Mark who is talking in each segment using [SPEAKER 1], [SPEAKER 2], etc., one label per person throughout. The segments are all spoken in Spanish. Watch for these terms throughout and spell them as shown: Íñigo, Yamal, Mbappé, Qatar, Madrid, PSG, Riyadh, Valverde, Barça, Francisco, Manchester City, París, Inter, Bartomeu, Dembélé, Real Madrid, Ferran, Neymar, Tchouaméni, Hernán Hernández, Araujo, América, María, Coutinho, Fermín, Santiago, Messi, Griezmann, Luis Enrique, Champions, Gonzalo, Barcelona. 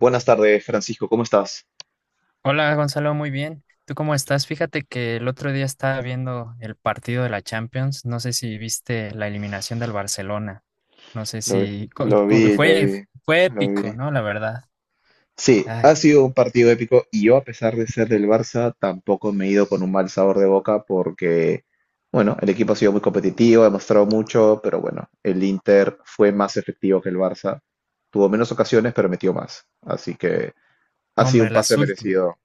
[SPEAKER 1] Buenas tardes, Francisco, ¿cómo estás?
[SPEAKER 2] Hola Gonzalo, muy bien. ¿Tú cómo estás? Fíjate que el otro día estaba viendo el partido de la Champions. No sé si viste la eliminación del Barcelona. No sé
[SPEAKER 1] Lo, vi,
[SPEAKER 2] si co-
[SPEAKER 1] lo
[SPEAKER 2] co-
[SPEAKER 1] vi, lo
[SPEAKER 2] fue,
[SPEAKER 1] vi.
[SPEAKER 2] Fue
[SPEAKER 1] lo
[SPEAKER 2] épico,
[SPEAKER 1] vi.
[SPEAKER 2] ¿no? La verdad.
[SPEAKER 1] Sí,
[SPEAKER 2] Ay,
[SPEAKER 1] ha sido un partido épico y yo, a pesar de ser del Barça, tampoco me he ido con un mal sabor de boca porque, bueno, el equipo ha sido muy competitivo, ha mostrado mucho, pero bueno, el Inter fue más efectivo que el Barça. Tuvo menos ocasiones, pero metió más. Así que ha sido un
[SPEAKER 2] hombre,
[SPEAKER 1] pase merecido.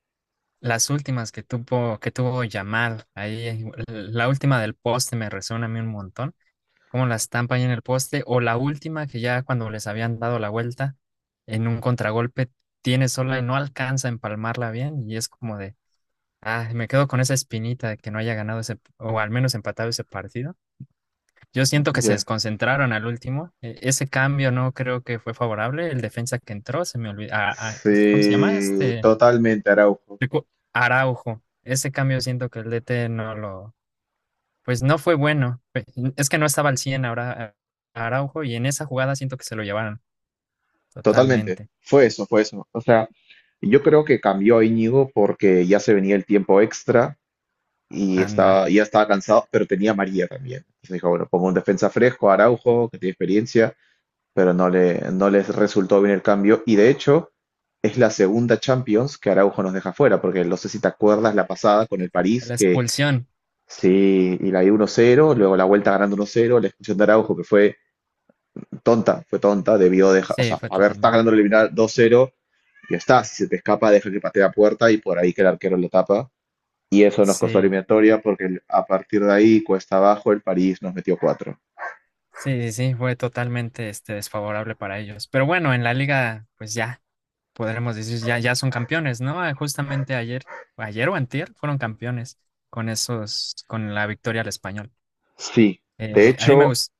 [SPEAKER 2] las últimas que tuvo Yamal ahí, la última del poste me resuena a mí un montón. Cómo la estampa ahí en el poste, o la última que ya cuando les habían dado la vuelta en un contragolpe tiene sola y no alcanza a empalmarla bien, y es como de... Ah, me quedo con esa espinita de que no haya ganado ese, o al menos empatado ese partido. Yo siento que se
[SPEAKER 1] Ya.
[SPEAKER 2] desconcentraron al último. Ese cambio no creo que fue favorable. El defensa que entró, se me olvidó. ¿Cómo se llama?
[SPEAKER 1] Sí, totalmente, Araujo.
[SPEAKER 2] Recu- Araujo. Ese cambio siento que el DT no lo, pues no fue bueno. Es que no estaba al 100 ahora Araujo, y en esa jugada siento que se lo llevaron
[SPEAKER 1] Totalmente,
[SPEAKER 2] totalmente.
[SPEAKER 1] fue eso, fue eso. O sea, yo creo que cambió a Íñigo porque ya se venía el tiempo extra y
[SPEAKER 2] Anda.
[SPEAKER 1] estaba, ya estaba cansado, pero tenía a María también. Entonces dijo, bueno, pongo un defensa fresco, Araujo, que tiene experiencia, pero no les resultó bien el cambio. Y de hecho, es la segunda Champions que Araujo nos deja fuera, porque no sé si te acuerdas la pasada con el París,
[SPEAKER 2] La
[SPEAKER 1] que
[SPEAKER 2] expulsión.
[SPEAKER 1] sí, y la dio 1-0, luego la vuelta ganando 1-0, la expulsión de Araujo, que fue tonta, debió dejar, o
[SPEAKER 2] Sí,
[SPEAKER 1] sea,
[SPEAKER 2] fue
[SPEAKER 1] haber, está
[SPEAKER 2] totalmente.
[SPEAKER 1] ganando el eliminar 2-0, ya está, si se te escapa, deja que patee a puerta y por ahí que el arquero lo tapa. Y eso nos costó
[SPEAKER 2] Sí.
[SPEAKER 1] eliminatoria porque a partir de ahí, cuesta abajo, el París nos metió cuatro.
[SPEAKER 2] Sí, fue totalmente, este, desfavorable para ellos. Pero bueno, en la liga, pues ya, podremos decir, ya son campeones, ¿no? Ah, justamente ayer o antier, fueron campeones con la victoria al Español.
[SPEAKER 1] Sí, de
[SPEAKER 2] A mí me
[SPEAKER 1] hecho,
[SPEAKER 2] gustó.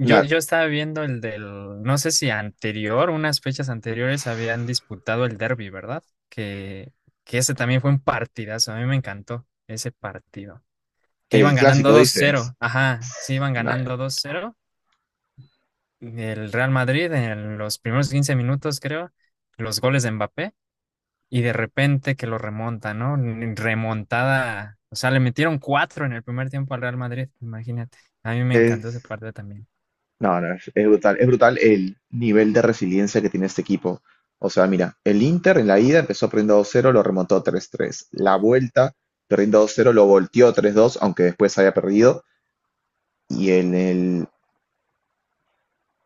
[SPEAKER 1] na-
[SPEAKER 2] Yo estaba viendo el del, no sé si anterior, unas fechas anteriores habían disputado el derby, ¿verdad? Que, que ese también fue un partidazo, a mí me encantó ese partido. Que
[SPEAKER 1] el
[SPEAKER 2] iban ganando
[SPEAKER 1] clásico
[SPEAKER 2] dos
[SPEAKER 1] dices,
[SPEAKER 2] cero ajá, sí,
[SPEAKER 1] es-
[SPEAKER 2] iban
[SPEAKER 1] na-
[SPEAKER 2] ganando 2-0 del Real Madrid en los primeros 15 minutos, creo, los goles de Mbappé, y de repente que lo remonta, ¿no? Remontada, o sea, le metieron cuatro en el primer tiempo al Real Madrid, imagínate. A mí me encantó ese
[SPEAKER 1] es,
[SPEAKER 2] partido también.
[SPEAKER 1] no, no, es brutal el nivel de resiliencia que tiene este equipo. O sea, mira, el Inter en la ida empezó perdiendo 2-0, lo remontó 3-3. La vuelta, perdiendo 2-0, lo volteó 3-2, aunque después haya perdido. Y en el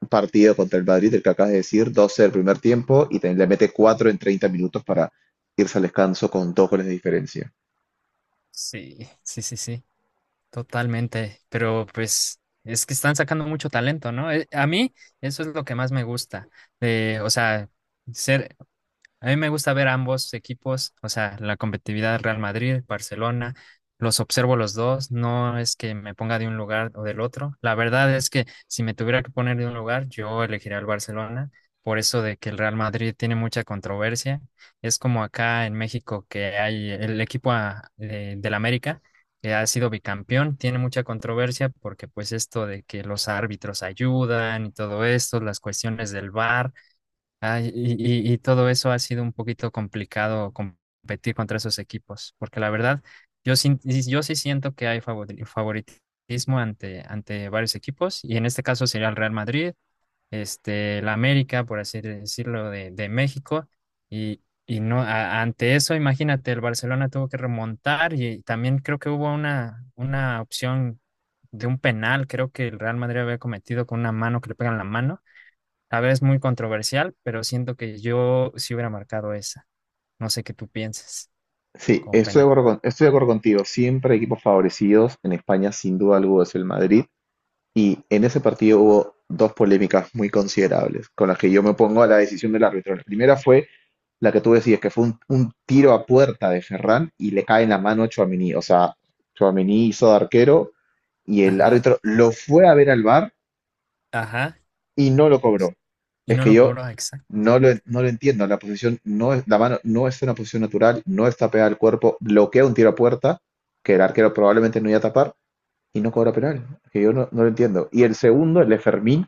[SPEAKER 1] partido contra el Madrid, el que acabas de decir, 12 del primer tiempo le mete 4 en 30 minutos para irse al descanso con dos goles de diferencia.
[SPEAKER 2] Sí, sí, totalmente. Pero pues es que están sacando mucho talento, ¿no? A mí eso es lo que más me gusta. De, o sea, ser A mí me gusta ver ambos equipos, o sea, la competitividad Real Madrid, Barcelona, los observo los dos, no es que me ponga de un lugar o del otro. La verdad es que si me tuviera que poner de un lugar, yo elegiría el Barcelona, por eso de que el Real Madrid tiene mucha controversia. Es como acá en México que hay el equipo del América, que ha sido bicampeón, tiene mucha controversia porque pues esto de que los árbitros ayudan y todo esto, las cuestiones del VAR. Ah, y todo eso ha sido un poquito complicado competir contra esos equipos, porque la verdad, yo sí siento que hay favoritismo ante varios equipos, y en este caso sería el Real Madrid, este, la América, por así decirlo, de México, y, y no, ante eso, imagínate, el Barcelona tuvo que remontar, y también creo que hubo una opción de un penal, creo que el Real Madrid había cometido con una mano, que le pegan la mano, a ver, es muy controversial, pero siento que yo sí hubiera marcado esa. No sé qué tú pienses,
[SPEAKER 1] Sí,
[SPEAKER 2] como
[SPEAKER 1] estoy de
[SPEAKER 2] penal.
[SPEAKER 1] acuerdo, estoy de acuerdo contigo. Siempre hay equipos favorecidos. En España, sin duda alguna, es el Madrid. Y en ese partido hubo dos polémicas muy considerables con las que yo me opongo a la decisión del árbitro. La primera fue la que tú decías, que fue un tiro a puerta de Ferran y le cae en la mano a Tchouaméni. O sea, Tchouaméni hizo de arquero y el
[SPEAKER 2] Ajá,
[SPEAKER 1] árbitro lo fue a ver al VAR
[SPEAKER 2] ajá.
[SPEAKER 1] y no lo
[SPEAKER 2] Pues,
[SPEAKER 1] cobró.
[SPEAKER 2] y
[SPEAKER 1] Es
[SPEAKER 2] no
[SPEAKER 1] que
[SPEAKER 2] lo
[SPEAKER 1] yo
[SPEAKER 2] cobró, exacto.
[SPEAKER 1] no lo entiendo. La posición no es, la mano no es una posición natural, no está pegada al cuerpo, bloquea un tiro a puerta que el arquero probablemente no iba a tapar y no cobra penal. Es que yo no, no lo entiendo. Y el segundo, el de Fermín,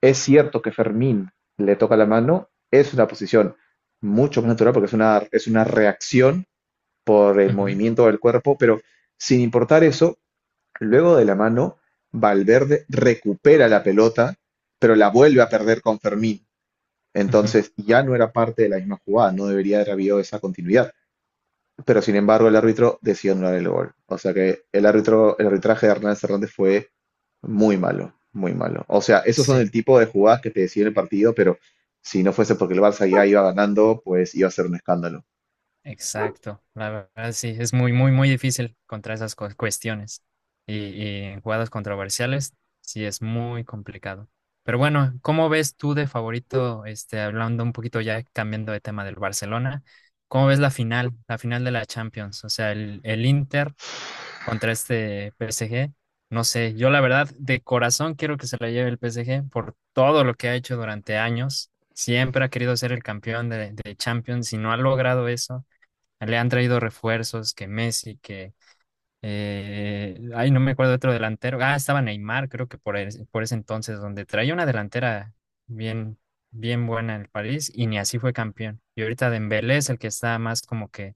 [SPEAKER 1] es cierto que Fermín le toca la mano, es una posición mucho más natural porque es una reacción por el
[SPEAKER 2] Ujú,
[SPEAKER 1] movimiento del cuerpo, pero sin importar eso, luego de la mano, Valverde recupera la pelota, pero la vuelve a perder con Fermín.
[SPEAKER 2] ujú.
[SPEAKER 1] Entonces ya no era parte de la misma jugada, no debería haber habido esa continuidad. Pero sin embargo, el árbitro decidió anular el gol. O sea que el árbitro, el arbitraje de Hernán Hernández fue muy malo, muy malo. O sea, esos son el
[SPEAKER 2] Sí,
[SPEAKER 1] tipo de jugadas que te deciden el partido, pero si no fuese porque el Barça ya iba ganando, pues iba a ser un escándalo.
[SPEAKER 2] exacto. La verdad, sí, es muy difícil contra esas cuestiones. Y en jugadas controversiales, sí, es muy complicado. Pero bueno, ¿cómo ves tú de favorito, este, hablando un poquito ya, cambiando de tema del Barcelona? ¿Cómo ves la final de la Champions? O sea, el Inter contra este PSG. No sé, yo la verdad de corazón quiero que se la lleve el PSG por todo lo que ha hecho durante años. Siempre ha querido ser el campeón de Champions y no ha logrado eso. Le han traído refuerzos, que Messi, que... ay, no me acuerdo de otro delantero. Ah, estaba Neymar, creo que por, por ese entonces, donde traía una delantera bien, bien buena en el París y ni así fue campeón. Y ahorita Dembélé es el que está más como que,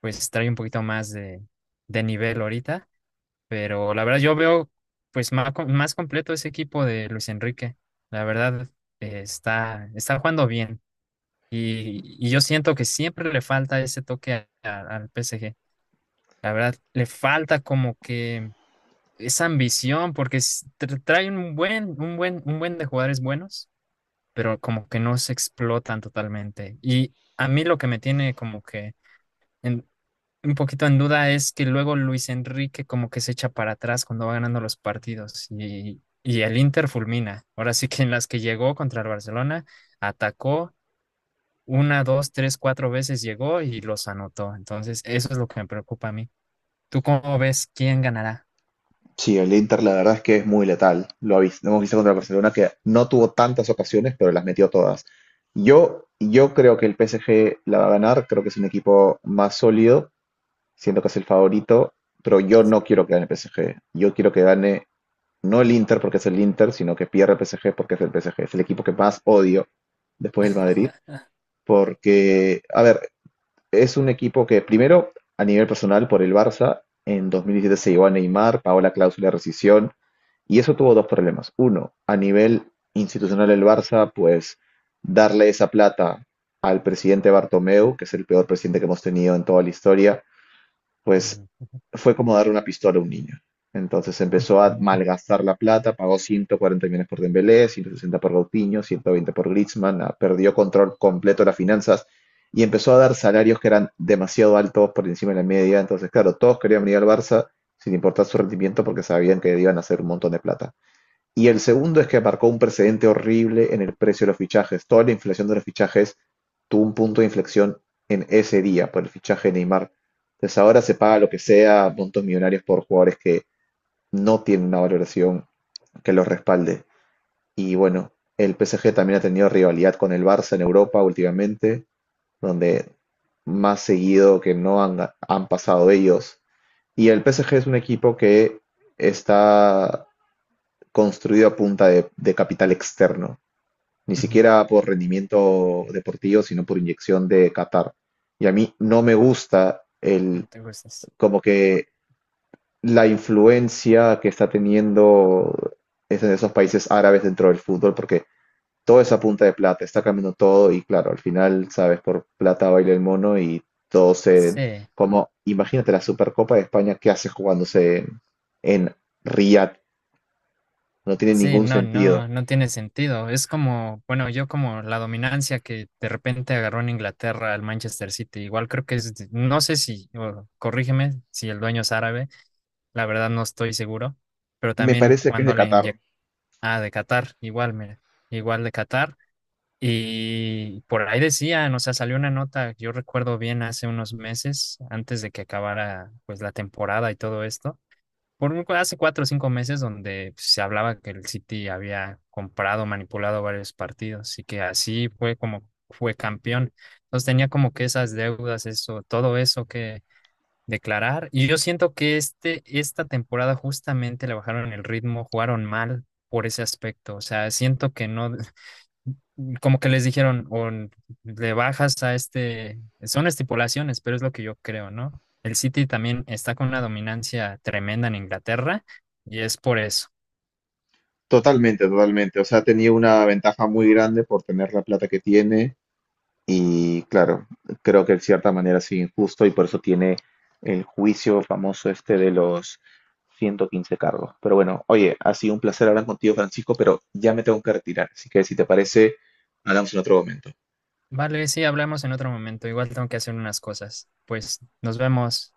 [SPEAKER 2] pues trae un poquito más de nivel ahorita, pero la verdad yo veo pues más, más completo ese equipo de Luis Enrique. La verdad, está jugando bien, y yo siento que siempre le falta ese toque al PSG. La verdad le falta como que esa ambición porque trae un buen, un buen de jugadores buenos, pero como que no se explotan totalmente. Y a mí lo que me tiene como que en- un poquito en duda es que luego Luis Enrique como que se echa para atrás cuando va ganando los partidos, y el Inter fulmina. Ahora sí que en las que llegó contra el Barcelona, atacó una, dos, tres, cuatro veces, llegó y los anotó. Entonces, eso es lo que me preocupa a mí. ¿Tú cómo ves quién ganará?
[SPEAKER 1] Sí, el Inter la verdad es que es muy letal. Hemos visto contra el Barcelona que no tuvo tantas ocasiones, pero las metió todas. Yo creo que el PSG la va a ganar, creo que es un equipo más sólido, siento que es el favorito, pero yo
[SPEAKER 2] Sí.
[SPEAKER 1] no quiero que gane el PSG. Yo quiero que gane no el Inter porque es el Inter, sino que pierda el PSG porque es el PSG. Es el equipo que más odio después del Madrid, porque, a ver, es un equipo que primero, a nivel personal, por el Barça, en 2017 se llevó a Neymar, pagó la cláusula de rescisión, y eso tuvo dos problemas. Uno, a nivel institucional el Barça, pues darle esa plata al presidente Bartomeu, que es el peor presidente que hemos tenido en toda la historia,
[SPEAKER 2] Ujú,
[SPEAKER 1] pues
[SPEAKER 2] ujú,
[SPEAKER 1] fue como dar una pistola a un niño. Entonces empezó a
[SPEAKER 2] ujú.
[SPEAKER 1] malgastar la plata, pagó 140 millones por Dembélé, 160 por Coutinho, 120 por Griezmann, ah, perdió control completo de las finanzas y empezó a dar salarios que eran demasiado altos por encima de la media. Entonces, claro, todos querían venir al Barça sin importar su rendimiento porque sabían que iban a hacer un montón de plata. Y el segundo es que marcó un precedente horrible en el precio de los fichajes. Toda la inflación de los fichajes tuvo un punto de inflexión en ese día por el fichaje de Neymar. Entonces ahora se paga lo que sea, puntos millonarios por jugadores que no tienen una valoración que los respalde. Y bueno, el PSG también ha tenido rivalidad con el Barça en Europa últimamente, donde más seguido que no han, han pasado ellos. Y el PSG es un equipo que está construido a punta de capital externo ni siquiera por rendimiento deportivo, sino por inyección de Qatar. Y a mí no me gusta el,
[SPEAKER 2] No te gustas.
[SPEAKER 1] como que la influencia que está teniendo es en esos países árabes dentro del fútbol, porque toda esa punta de plata está cambiando todo y claro, al final, sabes, por plata baila el mono y todo se...
[SPEAKER 2] Sí.
[SPEAKER 1] Como, imagínate la Supercopa de España qué hace jugándose en Riyadh, no tiene
[SPEAKER 2] Sí,
[SPEAKER 1] ningún sentido.
[SPEAKER 2] no, no tiene sentido. Es como, bueno, yo como la dominancia que de repente agarró en Inglaterra al Manchester City. Igual creo que es, no sé si, o corrígeme si el dueño es árabe, la verdad no estoy seguro, pero
[SPEAKER 1] Me
[SPEAKER 2] también
[SPEAKER 1] parece que es de
[SPEAKER 2] cuando le
[SPEAKER 1] Qatar.
[SPEAKER 2] inyectó, ah, de Qatar, igual, mira, igual de Qatar. Y por ahí decían, o sea, salió una nota, yo recuerdo bien hace unos meses, antes de que acabara pues la temporada y todo esto, hace 4 o 5 meses, donde pues se hablaba que el City había comprado, manipulado varios partidos y que así fue como fue campeón. Entonces tenía como que esas deudas, eso, todo eso que declarar. Y yo siento que esta temporada justamente le bajaron el ritmo, jugaron mal por ese aspecto. O sea, siento que no, como que les dijeron, le bajas a este, son estipulaciones, pero es lo que yo creo, ¿no? El City también está con una dominancia tremenda en Inglaterra y es por eso.
[SPEAKER 1] Totalmente, totalmente. O sea, tenía una ventaja muy grande por tener la plata que tiene y claro, creo que de cierta manera es injusto y por eso tiene el juicio famoso este de los 115 cargos. Pero bueno, oye, ha sido un placer hablar contigo, Francisco, pero ya me tengo que retirar. Así que si te parece, hablamos en otro momento.
[SPEAKER 2] Vale, sí, hablamos en otro momento. Igual tengo que hacer unas cosas. Pues nos vemos.